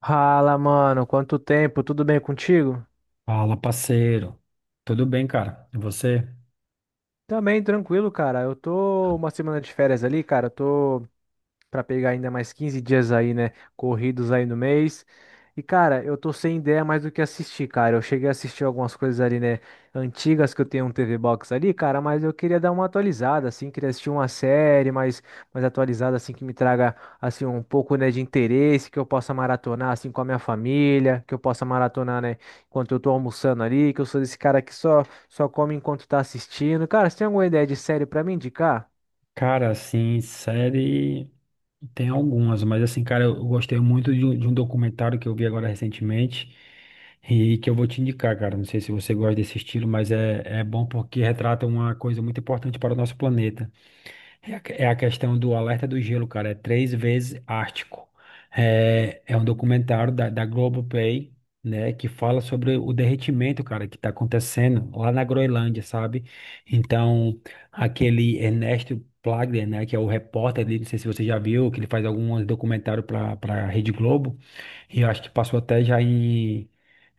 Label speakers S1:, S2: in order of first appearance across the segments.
S1: Fala, mano, quanto tempo? Tudo bem contigo?
S2: Fala, parceiro. Tudo bem, cara? E você?
S1: Também tranquilo, cara. Eu tô uma semana de férias ali, cara. Eu tô para pegar ainda mais 15 dias aí, né? Corridos aí no mês. E, cara, eu tô sem ideia mais do que assistir, cara. Eu cheguei a assistir algumas coisas ali, né? Antigas que eu tenho um TV Box ali, cara, mas eu queria dar uma atualizada, assim. Queria assistir uma série mais, mais atualizada, assim, que me traga, assim, um pouco, né, de interesse, que eu possa maratonar, assim, com a minha família, que eu possa maratonar, né, enquanto eu tô almoçando ali, que eu sou desse cara que só come enquanto tá assistindo. Cara, você tem alguma ideia de série pra me indicar?
S2: Cara, assim, série tem algumas, mas assim, cara, eu gostei muito de um documentário que eu vi agora recentemente e que eu vou te indicar, cara. Não sei se você gosta desse estilo, mas é bom porque retrata uma coisa muito importante para o nosso planeta. É a questão do Alerta do Gelo, cara. É Três Vezes Ártico. É um documentário da Globoplay, né? Que fala sobre o derretimento, cara, que tá acontecendo lá na Groenlândia, sabe? Então, aquele Ernesto Plagler, né? Que é o repórter ali, não sei se você já viu, que ele faz alguns documentários para a Rede Globo. E eu acho que passou até já em.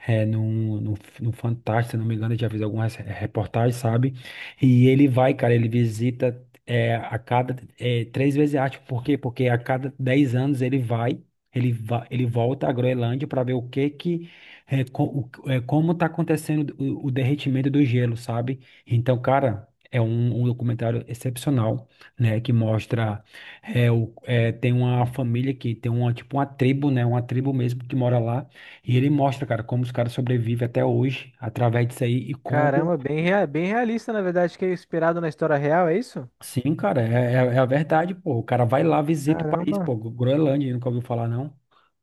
S2: É, num, num, num Fantástico, se não me engano, eu já fez algumas reportagens, sabe? E ele vai, cara, ele visita a cada três vezes, acho. Por quê? Porque a cada 10 anos ele vai, ele volta à Groenlândia para ver o que que. Como tá acontecendo o derretimento do gelo, sabe? Então, cara, é um documentário excepcional, né? Que mostra. Tem uma família que tem uma, tipo, uma tribo, né? Uma tribo mesmo que mora lá. E ele mostra, cara, como os caras sobrevivem até hoje através disso aí e como.
S1: Caramba, bem, bem realista, na verdade, que é inspirado na história real, é isso?
S2: Sim, cara, é a verdade, pô. O cara vai lá, visita o país, pô.
S1: Caramba.
S2: Groenlândia, nunca ouviu falar, não?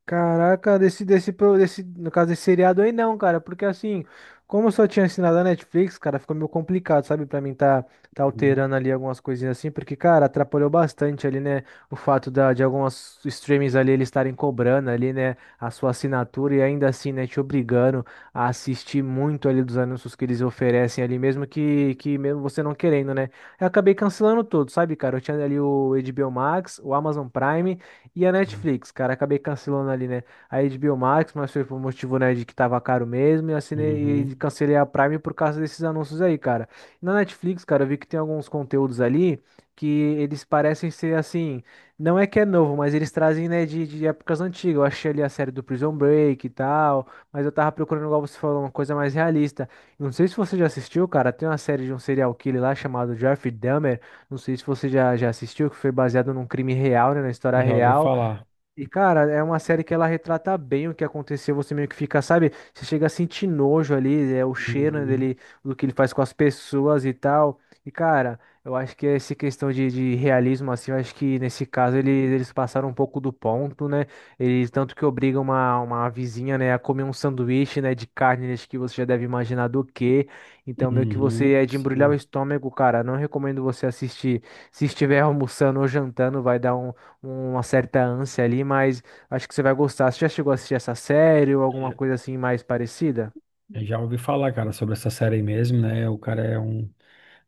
S1: Caraca, desse, no caso desse seriado aí não, cara, porque assim, como eu só tinha assinado a Netflix, cara, ficou meio complicado, sabe, pra mim tá
S2: Uhum,
S1: alterando ali algumas coisinhas assim, porque, cara, atrapalhou bastante ali, né, o fato da, de algumas streamings ali eles estarem cobrando ali, né, a sua assinatura e ainda assim, né, te obrigando a assistir muito ali dos anúncios que eles oferecem ali, mesmo que mesmo você não querendo, né. Eu acabei cancelando tudo, sabe, cara, eu tinha ali o HBO Max, o Amazon Prime, e a
S2: sim.
S1: Netflix, cara, acabei cancelando ali, né? A HBO Max, mas foi por um motivo, né, de que tava caro mesmo. E assinei e
S2: Uhum,
S1: cancelei a Prime por causa desses anúncios aí, cara. Na Netflix, cara, eu vi que tem alguns conteúdos ali que eles parecem ser assim. Não é que é novo, mas eles trazem, né, de épocas antigas. Eu achei ali a série do Prison Break e tal. Mas eu tava procurando, igual você falou, uma coisa mais realista. Não sei se você já assistiu, cara. Tem uma série de um serial killer lá chamado Jeffrey Dahmer. Não sei se você já assistiu, que foi baseado num crime real, né, na história
S2: já ouvi
S1: real.
S2: falar.
S1: E, cara, é uma série que ela retrata bem o que aconteceu. Você meio que fica, sabe? Você chega a sentir nojo ali, é o cheiro, né,
S2: Uhum,
S1: dele, do que ele faz com as pessoas e tal. E, cara, eu acho que essa questão de realismo, assim, eu acho que nesse caso eles passaram um pouco do ponto, né? Eles tanto que obrigam uma vizinha, né, a comer um sanduíche, né, de carne, acho que você já deve imaginar do que. Então, meio que
S2: uhum,
S1: você é de embrulhar o
S2: sim.
S1: estômago, cara. Não recomendo você assistir. Se estiver almoçando ou jantando, vai dar uma certa ânsia ali, mas acho que você vai gostar. Você já chegou a assistir essa série ou alguma
S2: Já,
S1: coisa assim mais parecida?
S2: já ouvi falar, cara, sobre essa série mesmo, né? O cara é um.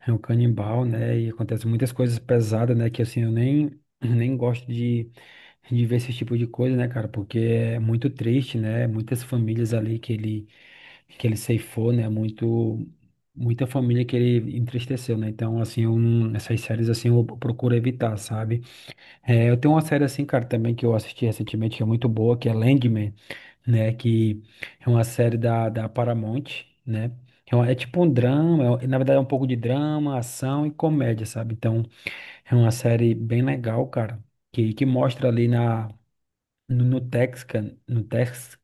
S2: É um canibal, né? E acontece muitas coisas pesadas, né? Que assim, eu nem, nem gosto de ver esse tipo de coisa, né, cara? Porque é muito triste, né? Muitas famílias ali que ele ceifou, né? Muita família que ele entristeceu, né? Então, assim, eu não- essas séries, assim, eu procuro evitar, sabe? É, eu tenho uma série, assim, cara, também que eu assisti recentemente, que é muito boa, que é Landman, né? Que é uma série da Paramount, né? É, é tipo um drama, na verdade é um pouco de drama, ação e comédia, sabe? Então é uma série bem legal, cara, que mostra ali na, no, no Texcan, no Tex,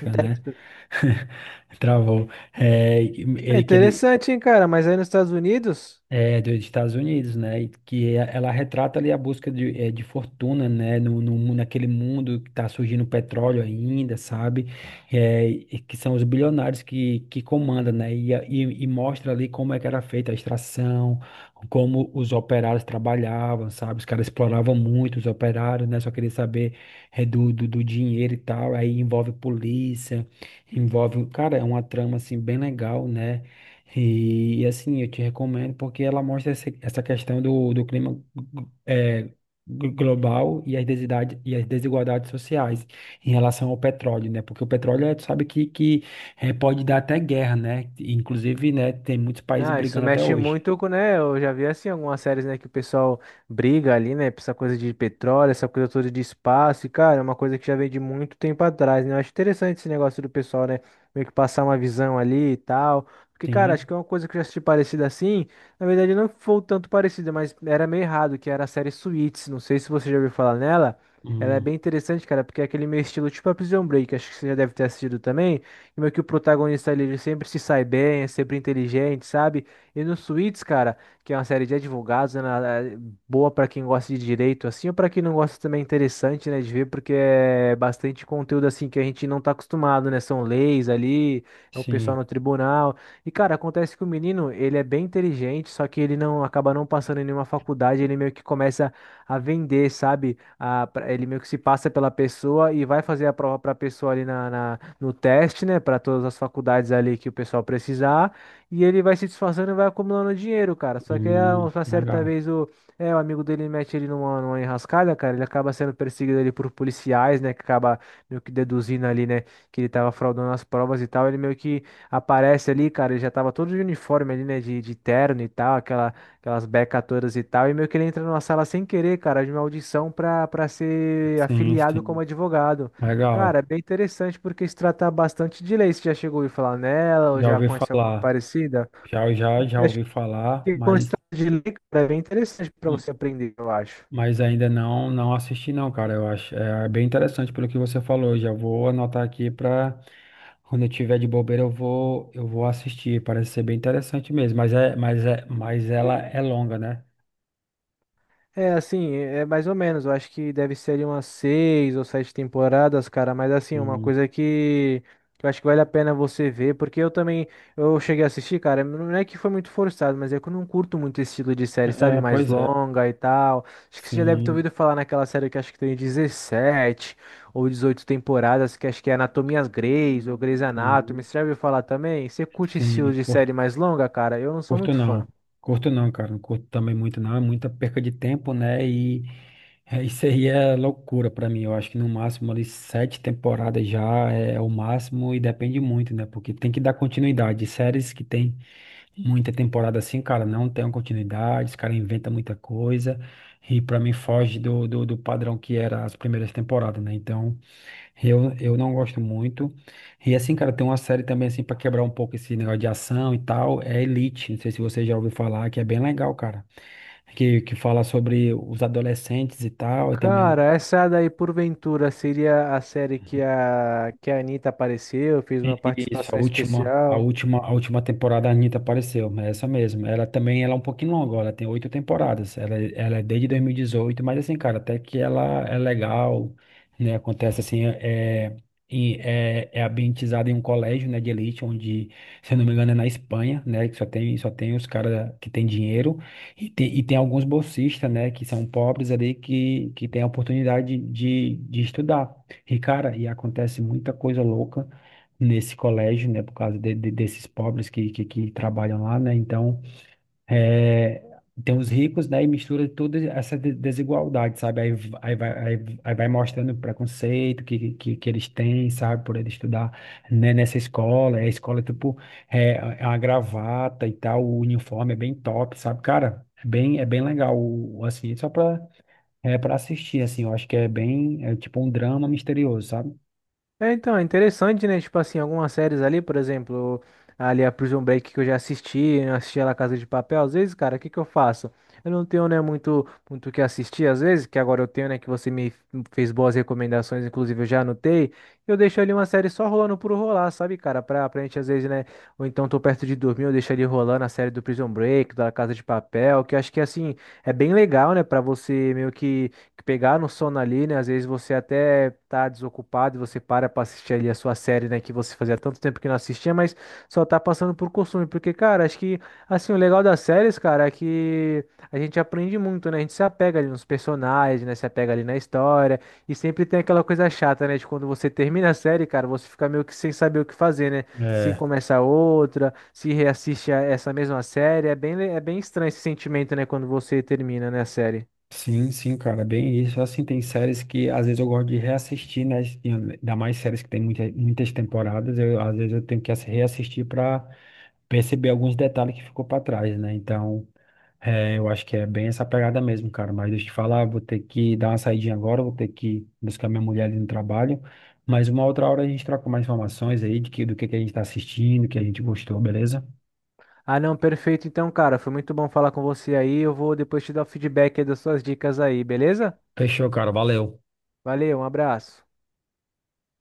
S1: No
S2: né?
S1: Texas.
S2: Travou.
S1: É interessante, hein, cara? Mas aí nos Estados Unidos.
S2: É, dos Estados Unidos, né? E que ela retrata ali a busca de fortuna, né? No, no, mu- naquele mundo que está surgindo petróleo ainda, sabe? É, e que são os bilionários que comandam, né? E mostra ali como é que era feita a extração, como os operários trabalhavam, sabe? Os caras exploravam muito os operários, né? Só queria saber do dinheiro e tal. Aí envolve polícia, envolve. Cara, é uma trama, assim, bem legal, né? E, assim, eu te recomendo porque ela mostra essa questão do clima, é, global, e as desigualdades sociais em relação ao petróleo, né? Porque o petróleo, tu sabe que pode dar até guerra, né? Inclusive, né, tem muitos países
S1: Ah, isso
S2: brigando até
S1: mexe
S2: hoje.
S1: muito com, né? Eu já vi assim algumas séries, né, que o pessoal briga ali, né, por essa coisa de petróleo, essa coisa toda de espaço, e cara, é uma coisa que já vem de muito tempo atrás, né? Eu acho interessante esse negócio do pessoal, né, meio que passar uma visão ali e tal. Porque, cara,
S2: Sim,
S1: acho que é uma coisa que eu já assisti parecida assim. Na verdade, não foi tanto parecida, mas era meio errado, que era a série Suits. Não sei se você já ouviu falar nela. Ela é
S2: hum,
S1: bem interessante, cara, porque é aquele meio estilo tipo a Prison Break. Acho que você já deve ter assistido também e meio que o protagonista ali, ele sempre se sai bem, é sempre inteligente, sabe? E no Suits, cara, que é uma série de advogados, né, é boa pra quem gosta de direito, assim, ou pra quem não gosta também é interessante, né, de ver, porque é bastante conteúdo, assim, que a gente não tá acostumado, né? São leis ali, é o pessoal
S2: sim,
S1: no tribunal. E, cara, acontece que o menino, ele é bem inteligente, só que ele não acaba não passando em nenhuma faculdade, ele meio que começa a vender, sabe? Ele meio que se passa pela pessoa e vai fazer a prova para a pessoa ali na no teste, né, para todas as faculdades ali que o pessoal precisar, e ele vai se disfarçando e vai acumulando dinheiro, cara. Só que uma certa
S2: legal.
S1: vez o amigo dele mete ele numa enrascada, cara, ele acaba sendo perseguido ali por policiais, né, que acaba meio que deduzindo ali, né, que ele tava fraudando as provas e tal, ele meio que aparece ali, cara, ele já tava todo de uniforme ali, né, de terno e tal, aquela, aquelas becas todas e tal, e meio que ele entra numa sala sem querer, cara, de uma audição pra ser
S2: Sim,
S1: afiliado como
S2: sim,
S1: advogado.
S2: legal.
S1: Cara, é bem interessante porque se trata bastante de lei. Você já chegou a ouvir falar nela ou
S2: Já
S1: já
S2: ouvi
S1: conhece alguma
S2: falar,
S1: parecida?
S2: já
S1: Porque acho
S2: ouvi falar,
S1: que quando
S2: mas.
S1: se trata de lei, cara, é bem interessante para você aprender, eu acho.
S2: Mas ainda não assisti, não, cara. Eu acho é bem interessante pelo que você falou. Eu já vou anotar aqui para quando eu tiver de bobeira eu vou assistir. Parece ser bem interessante mesmo, mas ela é longa, né?
S1: É, assim, é mais ou menos. Eu acho que deve ser de umas seis ou sete temporadas, cara. Mas assim, é uma
S2: Hum.
S1: coisa que eu acho que vale a pena você ver, porque eu também, eu cheguei a assistir, cara, não é que foi muito forçado, mas é que eu não curto muito esse estilo de série, sabe?
S2: É,
S1: Mais
S2: pois é.
S1: longa e tal. Acho que você já deve ter
S2: Sim,
S1: ouvido falar naquela série que acho que tem 17 ou 18 temporadas, que acho que é Anatomias Grey's ou Grey's Anatomy.
S2: sim,
S1: Você já ouviu falar também? Você curte esse estilo
S2: sim.
S1: de série mais longa, cara? Eu não sou
S2: Curto
S1: muito
S2: não,
S1: fã.
S2: curto não, cara, não curto também muito não, é muita perca de tempo, né? E isso aí é loucura pra mim. Eu acho que no máximo ali sete temporadas já é o máximo, e depende muito, né? Porque tem que dar continuidade. Séries que tem muita temporada assim, cara, não tem uma continuidade, os caras inventam muita coisa e pra mim foge do padrão que era as primeiras temporadas, né? Então. Eu não gosto muito. E assim, cara, tem uma série também assim pra quebrar um pouco esse negócio de ação e tal, é Elite. Não sei se você já ouviu falar, que é bem legal, cara. Que fala sobre os adolescentes e tal, e também.
S1: Cara, essa daí, porventura, seria a série que a Anitta apareceu, fez uma
S2: Isso, a
S1: participação
S2: última, a
S1: especial.
S2: última, a última temporada a Anitta apareceu, é essa mesmo. Ela também, ela é um pouquinho longa, ela tem oito temporadas, ela é desde 2018. Mas assim, cara, até que ela é legal, né, acontece assim, é ambientizada em um colégio, né, de elite, onde, se eu não me engano, é na Espanha, né, que só tem os caras que tem dinheiro, e tem alguns bolsistas, né, que são pobres ali, que tem a oportunidade de estudar. E, cara, e acontece muita coisa louca nesse colégio, né, por causa desses pobres que trabalham lá, né, então, é, tem os ricos, né, e mistura toda essa desigualdade, sabe, aí, v- aí, vai, aí, aí vai mostrando o preconceito que eles têm, sabe, por eles estudar, né, nessa escola, tipo, é, a gravata e tal, o uniforme é bem top, sabe, cara, é bem legal, assim, só pra, é, pra assistir, assim, eu acho que é bem, é tipo um drama misterioso, sabe?
S1: É, então, é interessante, né? Tipo assim, algumas séries ali, por exemplo, ali a Prison Break que eu já assisti, eu assisti a La Casa de Papel, às vezes, cara, o que que eu faço? Eu não tenho, né, muito o que assistir, às vezes, que agora eu tenho, né, que você me fez boas recomendações, inclusive eu já anotei, eu deixo ali uma série só rolando por rolar, sabe, cara? Pra gente, às vezes, né, ou então tô perto de dormir, eu deixo ali rolando a série do Prison Break, da La Casa de Papel, que eu acho que, assim, é bem legal, né, pra você meio que pegar no sono ali, né? Às vezes você até tá desocupado e você para pra assistir ali a sua série, né? Que você fazia tanto tempo que não assistia, mas só tá passando por costume. Porque, cara, acho que, assim, o legal das séries, cara, é que a gente aprende muito, né? A gente se apega ali nos personagens, né? Se apega ali na história. E sempre tem aquela coisa chata, né? De quando você termina a série, cara, você fica meio que sem saber o que fazer, né? Se
S2: É.
S1: começa outra, se reassiste a essa mesma série. É bem, é bem estranho esse sentimento, né? Quando você termina, né, a série.
S2: Sim, sim, cara, bem isso. Assim, tem séries que às vezes eu gosto de reassistir, né? E ainda mais séries que tem muitas temporadas, às vezes eu tenho que reassistir para perceber alguns detalhes que ficou para trás, né? Então, é, eu acho que é bem essa pegada mesmo, cara. Mas deixa eu te falar, vou ter que dar uma saidinha agora, vou ter que buscar minha mulher ali no trabalho. Mas uma outra hora a gente troca mais informações aí de que, do que a gente tá assistindo, que a gente gostou, beleza?
S1: Ah, não, perfeito. Então, cara, foi muito bom falar com você aí. Eu vou depois te dar o feedback aí das suas dicas aí, beleza?
S2: Fechou, cara, valeu.
S1: Valeu, um abraço.